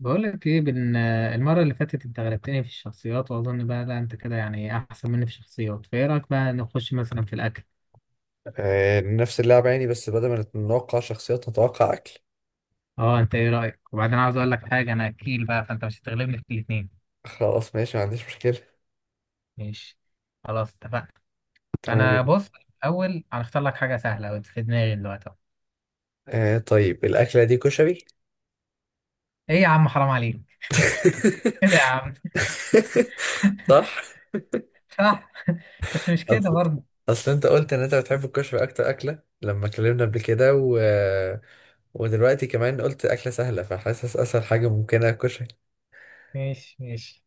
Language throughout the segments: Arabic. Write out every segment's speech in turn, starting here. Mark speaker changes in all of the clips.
Speaker 1: بقول لك ايه المره اللي فاتت انت غلبتني في الشخصيات، واظن بقى لا انت كده يعني احسن مني في الشخصيات، فايه رايك بقى نخش مثلا في الاكل؟
Speaker 2: نفس اللعبة يعني، بس بدل ما نتوقع شخصيات نتوقع أكل.
Speaker 1: اه انت ايه رايك؟ وبعدين عاوز اقول لك حاجه، انا اكيل بقى، فانت مش هتغلبني في الاثنين.
Speaker 2: خلاص ماشي، ما عنديش مشكلة.
Speaker 1: ماشي. خلاص اتفقنا.
Speaker 2: تمام
Speaker 1: فانا
Speaker 2: جدا.
Speaker 1: بص. اول هنختار لك حاجه سهله وانت في دماغي دلوقتي أهو.
Speaker 2: طيب، الأكلة دي كشري.
Speaker 1: ايه يا عم، حرام عليك! كده يا عم.
Speaker 2: صح.
Speaker 1: صح. بس مش كده
Speaker 2: أصل
Speaker 1: برضه.
Speaker 2: أصل أنت قلت إن أنت بتحب الكشري أكتر أكلة لما اتكلمنا قبل كده ودلوقتي كمان قلت أكلة سهلة، فحاسس أسهل حاجة ممكنة كشري.
Speaker 1: ماشي ماشي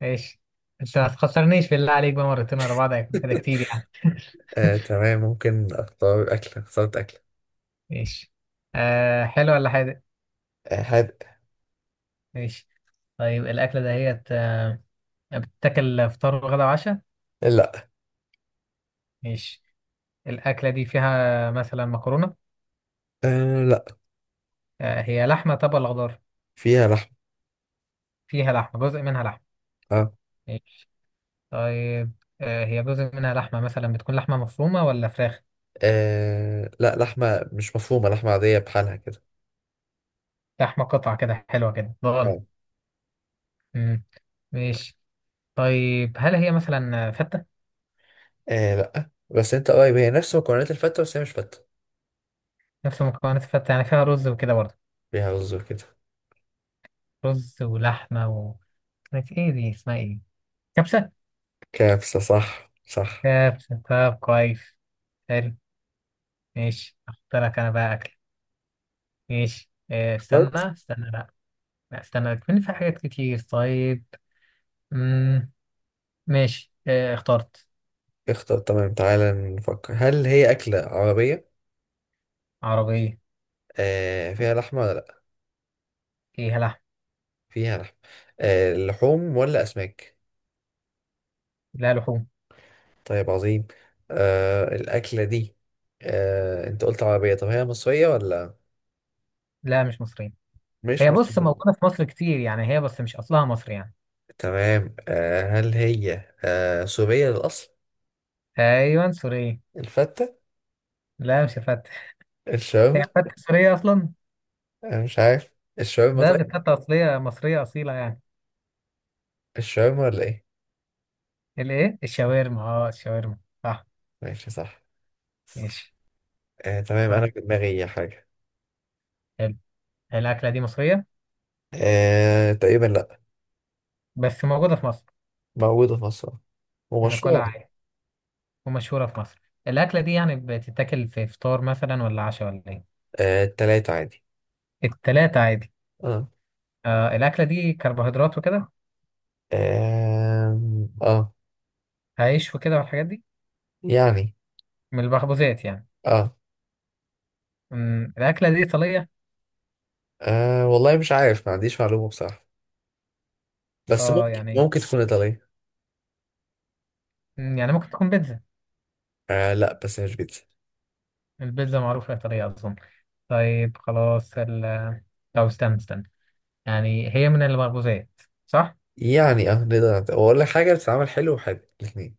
Speaker 1: ماشي. انت ما تخسرنيش بالله عليك بقى، مرتين ورا بعض هيكون كده كتير يعني.
Speaker 2: تمام. ممكن أختار أكلة اخترت أكلة.
Speaker 1: ماشي. آه، حلو ولا حاجه؟
Speaker 2: هاد.
Speaker 1: ماشي. طيب الأكلة دهيت بتتاكل فطار وغدا وعشاء؟
Speaker 2: لا.
Speaker 1: ماشي. الأكلة دي فيها مثلا مكرونة؟
Speaker 2: لا،
Speaker 1: هي لحمة طب ولا خضار؟
Speaker 2: فيها لحم.
Speaker 1: فيها لحمة، جزء منها لحمة.
Speaker 2: آه.
Speaker 1: ماشي. طيب هي جزء منها لحمة، مثلا بتكون لحمة مفرومة ولا فراخ؟
Speaker 2: لا، لحمة مش مفرومة، لحمة عادية بحالها كده.
Speaker 1: لحمة قطعة كده، حلوة كده
Speaker 2: اه.
Speaker 1: ضغن. مم. ماشي. طيب هل هي مثلا فتة؟
Speaker 2: لا بس انت قريب، هي نفس مكونات الفتة بس هي مش فتة.
Speaker 1: نفس مكونات الفتة، يعني فيها رز وكده برضه؟
Speaker 2: فيها رز وكده.
Speaker 1: رز ولحمة و... كانت ايه دي، اسمها ايه؟ كبسة.
Speaker 2: كبسة، صح صح.
Speaker 1: كبسة، طب كويس. حلو. ماشي، اختار لك انا بقى اكل. ماشي،
Speaker 2: اخترت
Speaker 1: استنى استنى، لا لا، استنى كمان في حاجات كتير. طيب. مم. ماشي، اخترت.
Speaker 2: اختار. تمام، تعالى نفكر، هل هي أكلة عربية؟
Speaker 1: عربية.
Speaker 2: فيها لحمة ولا لأ؟
Speaker 1: فيها لحم.
Speaker 2: فيها لحمة. لحوم ولا أسماك؟
Speaker 1: لا، لحوم.
Speaker 2: طيب، عظيم. آه الأكلة دي آه أنت قلت عربية، طب هي مصرية ولا؟
Speaker 1: لا مش مصرية.
Speaker 2: مش
Speaker 1: هي بص،
Speaker 2: مصرية.
Speaker 1: موجودة في مصر كتير يعني، هي بس مش اصلها مصري يعني.
Speaker 2: تمام، هل هي... سورية للأصل؟
Speaker 1: ايوه، سورية.
Speaker 2: الفتة.
Speaker 1: لا، مش فتة.
Speaker 2: الشاورما.
Speaker 1: هي فتة سورية اصلا؟
Speaker 2: انا مش عارف الشاورما،
Speaker 1: ده
Speaker 2: طيب.
Speaker 1: دي فتة اصلية مصرية اصيلة يعني.
Speaker 2: الشاورما ولا ايه؟
Speaker 1: الايه؟ الشاورما. اه الشاورما، صح.
Speaker 2: ماشي، صح.
Speaker 1: ماشي.
Speaker 2: تمام،
Speaker 1: طيب،
Speaker 2: انا في دماغي حاجه.
Speaker 1: حلو. الاكلة دي مصرية،
Speaker 2: تقريبا لا.
Speaker 1: بس موجودة في مصر.
Speaker 2: موجوده في مصر.
Speaker 1: ناكلها
Speaker 2: ومشهوره.
Speaker 1: عادي. ومشهورة في مصر. الأكلة دي يعني بتتاكل في فطار مثلا ولا عشاء ولا إيه؟
Speaker 2: التلاتة عادي.
Speaker 1: التلاتة عادي.
Speaker 2: اه.
Speaker 1: آه، الأكلة دي كربوهيدرات وكده؟
Speaker 2: آه, آه.
Speaker 1: عيش وكده والحاجات دي،
Speaker 2: يعني.
Speaker 1: من البخبوزات يعني.
Speaker 2: آه.
Speaker 1: الأكلة دي إيطالية؟
Speaker 2: اه والله مش عارف، ما عنديش معلومه بصراحه. بس
Speaker 1: اه
Speaker 2: ممكن
Speaker 1: يعني.
Speaker 2: ممكن تكون ايطاليه.
Speaker 1: يعني ممكن تكون بيتزا،
Speaker 2: لا بس مش بيتزا.
Speaker 1: البيتزا معروفة إيطالية أظن. طيب خلاص ال... طب استنى استنى، يعني هي من البخبوزات، صح؟
Speaker 2: يعني اه نقدر واقول لك حاجه بتتعمل حلو وحلو الاثنين.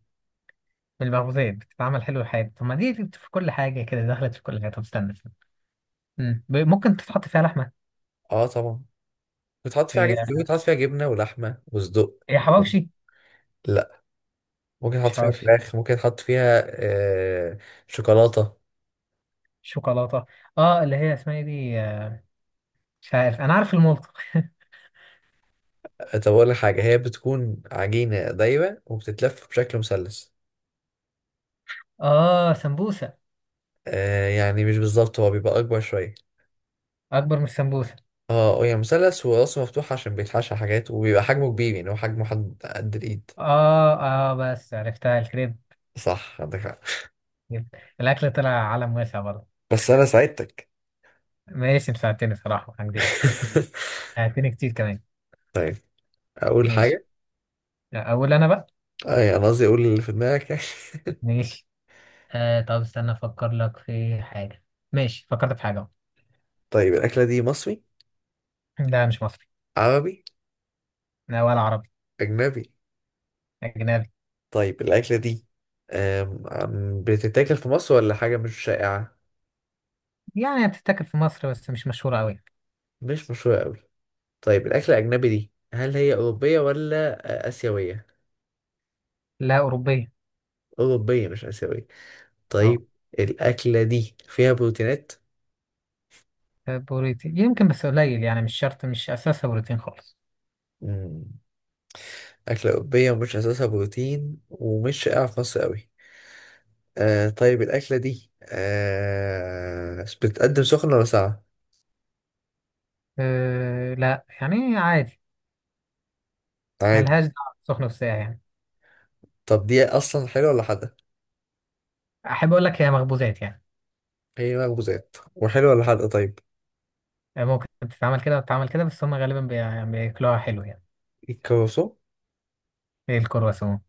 Speaker 1: من البخبوزات؟ بتتعمل حلو الحاجة؟ طب ما دي في كل حاجة كده، دخلت في كل حاجة. طب استنى استنى، ممكن تتحط فيها لحمة؟
Speaker 2: اه طبعا. بتحط فيها
Speaker 1: هي
Speaker 2: حاجات كتير، بتحط فيها جبنه ولحمه وصدق.
Speaker 1: هي حواوشي؟
Speaker 2: لا. ممكن احط
Speaker 1: مش
Speaker 2: فيها
Speaker 1: حواوشي.
Speaker 2: فراخ، ممكن احط فيها شوكولاته.
Speaker 1: شوكولاته، اه اللي هي اسمها ايه دي؟ مش عارف، انا عارف المولت.
Speaker 2: طب اقول لك حاجه، هي بتكون عجينه دايبه وبتتلف بشكل مثلث.
Speaker 1: اه، سمبوسه.
Speaker 2: يعني مش بالظبط، هو بيبقى اكبر شويه.
Speaker 1: اكبر من السمبوسه.
Speaker 2: اه، هي مثلث وراسه مفتوح عشان بيتحشى حاجات وبيبقى حجمه كبير، يعني هو حجمه حد قد الايد.
Speaker 1: اه. اه بس عرفتها، الكريب.
Speaker 2: صح، عندك حق.
Speaker 1: كريب. الاكل طلع عالم واسع برضه.
Speaker 2: بس انا ساعدتك.
Speaker 1: ماشي، انت ساعدتني صراحه، ما هكدبش، ساعدتني كتير كمان.
Speaker 2: طيب، اقول
Speaker 1: ماشي،
Speaker 2: حاجه.
Speaker 1: اقول انا بقى.
Speaker 2: يعني قصدي اقول اللي في دماغك يعني.
Speaker 1: ماشي، آه طب استنى افكر لك في حاجه. ماشي، فكرت في حاجه أهو.
Speaker 2: طيب، الاكله دي مصري؟
Speaker 1: لا مش مصري.
Speaker 2: عربي؟
Speaker 1: لا ولا عربي.
Speaker 2: اجنبي؟
Speaker 1: اجنبي.
Speaker 2: طيب، الأكلة دي أم- أم بتتاكل في مصر ولا حاجة مش شائعة؟
Speaker 1: يعني بتتاكل في مصر بس مش مشهوره قوي.
Speaker 2: مش مشهورة أوي. طيب، الأكلة الأجنبي دي هل هي أوروبية ولا آسيوية؟
Speaker 1: لا، اوروبيه.
Speaker 2: أوروبية مش آسيوية.
Speaker 1: اه.
Speaker 2: طيب، الأكلة دي فيها بروتينات؟
Speaker 1: بروتين يمكن بس قليل يعني، مش شرط، مش اساسها بروتين خالص.
Speaker 2: مم. أكلة أوروبية ومش أساسها بروتين ومش شائعة في مصر أوي. طيب، الأكلة دي بتتقدم سخنة ولا ساقعة؟
Speaker 1: أه لا، يعني عادي.
Speaker 2: عادي.
Speaker 1: ملهاش دعوة بالسخن والساقع يعني.
Speaker 2: طب دي أصلا حلوة ولا حادقة؟
Speaker 1: أحب أقول لك هي مخبوزات يعني.
Speaker 2: هي مخبوزات، وحلوة ولا حادقة طيب؟
Speaker 1: ممكن تتعمل كده وتتعمل كده، بس هم غالبا يعني بياكلوها حلو يعني.
Speaker 2: الكروسون؟
Speaker 1: زي الكرواسون.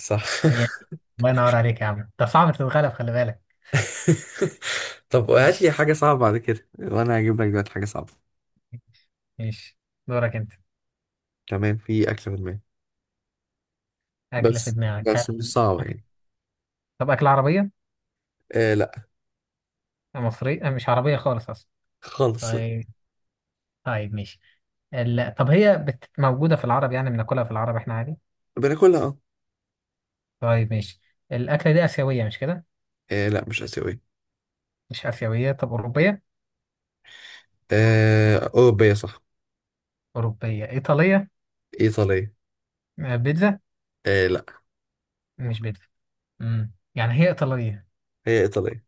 Speaker 2: صح.
Speaker 1: هي- الله ينور عليك يا عم، ده صعب تتغلب، خلي بالك.
Speaker 2: طب هات
Speaker 1: ماشي
Speaker 2: لي حاجة صعبة بعد كده، وانا هجيب لك دلوقتي حاجة صعبة.
Speaker 1: ماشي. دورك أنت.
Speaker 2: تمام، في اكل في دماغي.
Speaker 1: أكلة في
Speaker 2: بس
Speaker 1: دماغك،
Speaker 2: بس مش
Speaker 1: هل
Speaker 2: صعبة يعني.
Speaker 1: طب أكلة عربية؟
Speaker 2: لا.
Speaker 1: مصرية؟ أه، مش عربية خالص أصلا.
Speaker 2: خالص لا.
Speaker 1: طيب. طيب ماشي. طب هي موجودة في العرب، يعني بناكلها في العرب إحنا عادي؟
Speaker 2: بناكلها اه.
Speaker 1: طيب ماشي. الأكلة دي آسيوية مش كده؟
Speaker 2: لا مش آسيوية.
Speaker 1: مش آسيوية، طب أوروبية؟
Speaker 2: أوروبية صح.
Speaker 1: أوروبية إيطالية؟
Speaker 2: إيطالية.
Speaker 1: بيتزا؟
Speaker 2: لا.
Speaker 1: مش بيتزا. يعني هي إيطالية
Speaker 2: هي إيطالية.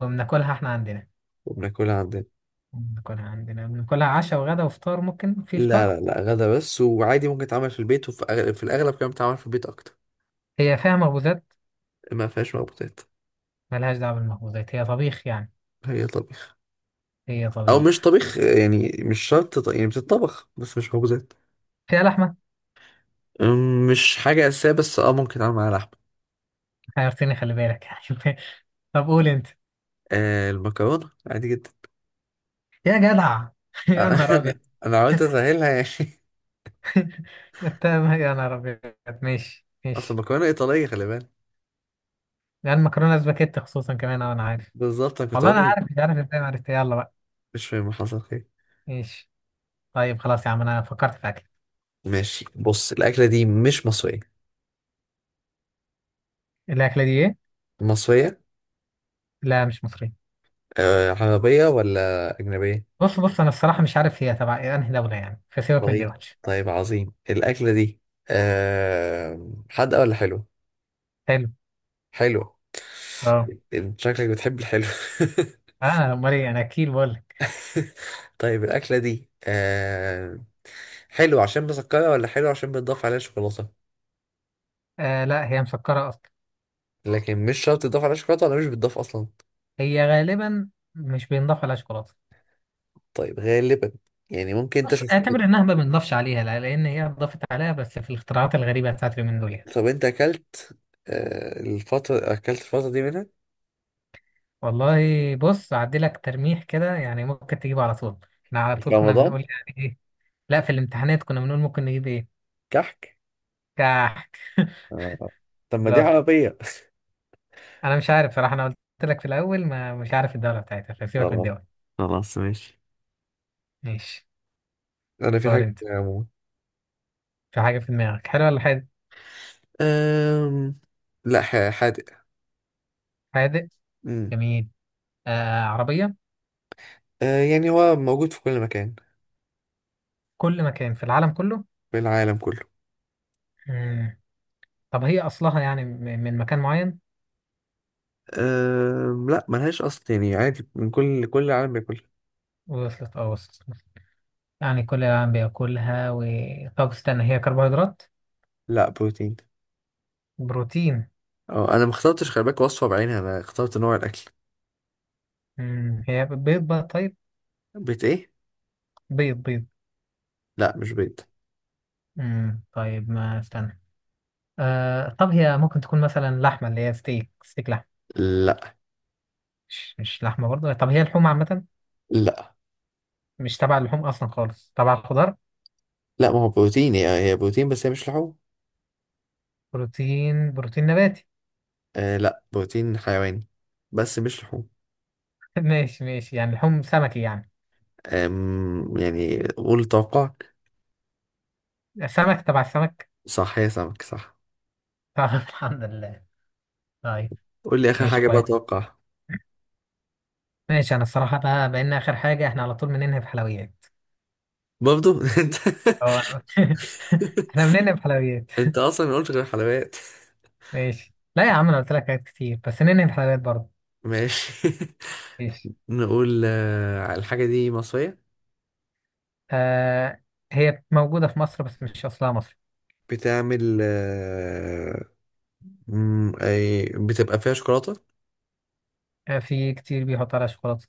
Speaker 1: وبناكلها إحنا عندنا.
Speaker 2: وبناكلها عندنا.
Speaker 1: بناكلها عندنا، بناكلها عشاء وغدا وفطار، ممكن في
Speaker 2: لا
Speaker 1: فطار؟
Speaker 2: لا لا، غدا بس، وعادي ممكن تتعمل في البيت، وفي أغلب، في الأغلب كمان بتتعمل في البيت أكتر.
Speaker 1: هي فيها مخبوزات؟
Speaker 2: ما فيهاش مخبوزات.
Speaker 1: ملهاش دعوة بالمخبوزات، هي طبيخ يعني.
Speaker 2: هي طبيخ.
Speaker 1: هي
Speaker 2: أو مش
Speaker 1: طبيخ.
Speaker 2: طبيخ، يعني مش شرط يعني بتطبخ بس مش مخبوزات.
Speaker 1: فيها لحمة؟
Speaker 2: مش حاجة أساسية بس ممكن تتعمل معاها لحمة.
Speaker 1: حيرتني خلي بالك. يعني. طب قول أنت.
Speaker 2: المكرونة عادي جدا.
Speaker 1: يا جدع!
Speaker 2: آه،
Speaker 1: يا نهار أبيض.
Speaker 2: أنا أنا عملت أسهلها يعني.
Speaker 1: أنت يا نهار أبيض. ماشي
Speaker 2: أصل
Speaker 1: ماشي.
Speaker 2: المكرونة إيطالية، خلي بالك.
Speaker 1: لأن مكرونة سباكيت خصوصا كمان، أه، أنا عارف.
Speaker 2: بالظبط أنا كنت
Speaker 1: والله أنا
Speaker 2: أقول.
Speaker 1: عارف، مش عارف إزاي ما عرفت، يلا بقى.
Speaker 2: مش فاهم، حصل خير.
Speaker 1: ماشي. طيب خلاص يا عم، أنا فكرت في أكل.
Speaker 2: ماشي، بص الأكلة دي مش مصرية.
Speaker 1: الأكلة دي إيه؟
Speaker 2: مصرية؟
Speaker 1: لا مش مصرية.
Speaker 2: عربية ولا أجنبية؟
Speaker 1: بص بص، انا الصراحة مش عارف هي تبع إيه، انهي دولة يعني، فسيبك من دي
Speaker 2: طيب.
Speaker 1: وحش.
Speaker 2: طيب عظيم، الأكلة دي حادقة ولا حلوة؟
Speaker 1: حلو.
Speaker 2: حلوة.
Speaker 1: اه
Speaker 2: أنت شكلك بتحب الحلو.
Speaker 1: انا امال ايه، انا اكيد بقول لك.
Speaker 2: طيب، الأكلة دي حلوة عشان مسكرة ولا حلوة عشان بتضاف عليها شوكولاتة؟
Speaker 1: آه لا، هي مسكرة اصلا.
Speaker 2: لكن مش شرط تضاف على شوكولاته ولا مش بتضاف اصلا.
Speaker 1: هي غالبا مش بينضاف عليها شوكولاتة.
Speaker 2: طيب، غالبا. يعني ممكن انت
Speaker 1: بس
Speaker 2: شفت.
Speaker 1: اعتبر انها ما بينضافش عليها، لا، لان هي اتضافت عليها بس في الاختراعات الغريبة بتاعت اليومين دول يعني.
Speaker 2: طب انت اكلت، الفتره اكلت، الفتره دي منها؟
Speaker 1: والله بص، اعدي لك ترميح كده يعني، ممكن تجيبه على طول. احنا على
Speaker 2: في
Speaker 1: طول كنا
Speaker 2: رمضان؟
Speaker 1: بنقول يعني ايه. لا، في الامتحانات كنا بنقول ممكن نجيب ايه.
Speaker 2: كحك؟
Speaker 1: كح.
Speaker 2: آه. طب ما دي
Speaker 1: بالظبط.
Speaker 2: عربية.
Speaker 1: انا مش عارف صراحة، انا قلت لك في الاول ما مش عارف الدولة بتاعتها، فسيبك من
Speaker 2: خلاص.
Speaker 1: الدول.
Speaker 2: خلاص ماشي.
Speaker 1: ماشي.
Speaker 2: انا في
Speaker 1: اختار
Speaker 2: حاجه
Speaker 1: انت.
Speaker 2: يا عمو.
Speaker 1: في حاجة في دماغك، حلو ولا حادق؟
Speaker 2: أم... لا، حادق.
Speaker 1: حادق.
Speaker 2: أمم.
Speaker 1: جميل. آه عربية؟
Speaker 2: أه، يعني هو موجود في كل مكان.
Speaker 1: كل مكان في العالم كله.
Speaker 2: في العالم كله.
Speaker 1: مم. طب هي أصلها يعني من مكان معين؟
Speaker 2: لا، ملهاش اصل يعني، عادي من كل العالم بياكلها.
Speaker 1: وصلت، اه وصلت. يعني كل العالم بياكلها و... طب استنى، هي كربوهيدرات؟
Speaker 2: لا، بروتين.
Speaker 1: بروتين.
Speaker 2: اه، انا ما اخترتش خلي بالك وصفه بعينها، انا اخترت نوع الاكل.
Speaker 1: هي بيض بقى طيب؟
Speaker 2: بيت ايه؟
Speaker 1: بيض.
Speaker 2: لا مش بيض.
Speaker 1: طيب ما استنى، آه طب هي ممكن تكون مثلا لحمة، اللي هي ستيك، ستيك.
Speaker 2: لا
Speaker 1: مش لحمة برضه؟ طب هي لحوم عامة؟
Speaker 2: لا
Speaker 1: مش تبع اللحوم أصلا خالص، تبع الخضار؟
Speaker 2: لا، ما هو بروتين، هي بروتين بس هي مش لحوم.
Speaker 1: بروتين نباتي؟
Speaker 2: لا، بروتين حيواني. بس مش لحوم.
Speaker 1: ماشي ماشي، يعني لحوم سمكي يعني.
Speaker 2: يعني قول توقعك.
Speaker 1: سمك، تبع السمك.
Speaker 2: صح، هي سمك صح.
Speaker 1: طيب. الحمد لله. طيب
Speaker 2: قول لي اخر
Speaker 1: ماشي
Speaker 2: حاجه بقى
Speaker 1: كويس.
Speaker 2: توقع.
Speaker 1: ماشي انا الصراحة بقى، بقينا اخر حاجة، احنا على طول بننهي بحلويات.
Speaker 2: برضو. انت.
Speaker 1: اه انا احنا بننهي بحلويات.
Speaker 2: انت اصلا ما قلتش غير حلويات.
Speaker 1: ماشي، لا يا عم انا قلت لك حاجات كتير، بس ننهي بحلويات برضه.
Speaker 2: ماشي.
Speaker 1: ماشي.
Speaker 2: نقول الحاجه دي مصريه.
Speaker 1: آه، هي موجودة في مصر بس مش اصلها مصري.
Speaker 2: بتعمل آه، أي بتبقى فيها شوكولاته.
Speaker 1: آه، في كتير بيحط عليها شوكولاتة،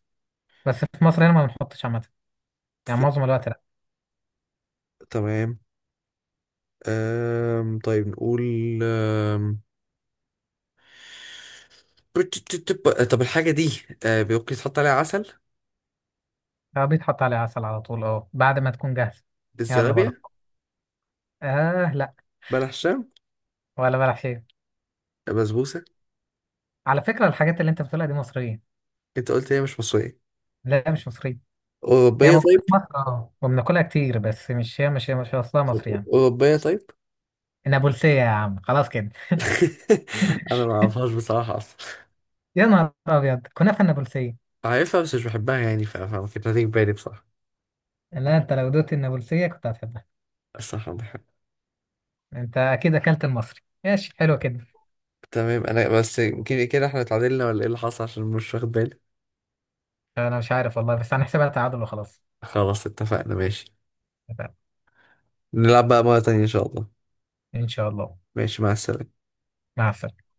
Speaker 1: بس في مصر هنا ما بنحطش عامة. يعني
Speaker 2: في
Speaker 1: معظم الوقت لا.
Speaker 2: تمام. طيب نقول. أم طب الحاجة دي ممكن تحط عليها عسل؟
Speaker 1: آه بيتحط عليها عسل على طول، اه بعد ما تكون جاهزة. يلا بره!
Speaker 2: الزلابية؟
Speaker 1: آه لا.
Speaker 2: بلح الشام؟
Speaker 1: ولا بلح شيء.
Speaker 2: بسبوسة؟
Speaker 1: على فكرة الحاجات اللي انت بتقولها دي مصرية.
Speaker 2: انت قلت هي مش مصرية.
Speaker 1: لا مش مصرية. هي
Speaker 2: أوروبية
Speaker 1: موجودة
Speaker 2: طيب.
Speaker 1: في مصر اه، وبناكلها كتير، بس مش هي، مش هي، مش اصلها
Speaker 2: طب
Speaker 1: مصري يعني.
Speaker 2: أوروبية طيب.
Speaker 1: النابلسية يا عم، خلاص كده.
Speaker 2: أنا ما أعرفهاش بصراحة أصلا.
Speaker 1: يا نهار ابيض، كنافة النابلسية.
Speaker 2: عارفها بس مش بحبها يعني، فما كانت هتيجي في بالي بصراحة.
Speaker 1: لا انت لو دوت النابلسية كنت هتحبها.
Speaker 2: الصراحة ما بحبها.
Speaker 1: انت اكيد اكلت المصري، ماشي حلو كده.
Speaker 2: تمام، أنا بس يمكن كده احنا اتعادلنا، ولا ايه اللي حصل عشان مش واخد بالي؟
Speaker 1: انا مش عارف والله، بس هنحسبها تعادل وخلاص.
Speaker 2: خلاص اتفقنا ماشي. نلعب بقى مرة تانية إن شاء الله.
Speaker 1: ان شاء الله.
Speaker 2: ماشي، مع السلامة.
Speaker 1: مع السلامة.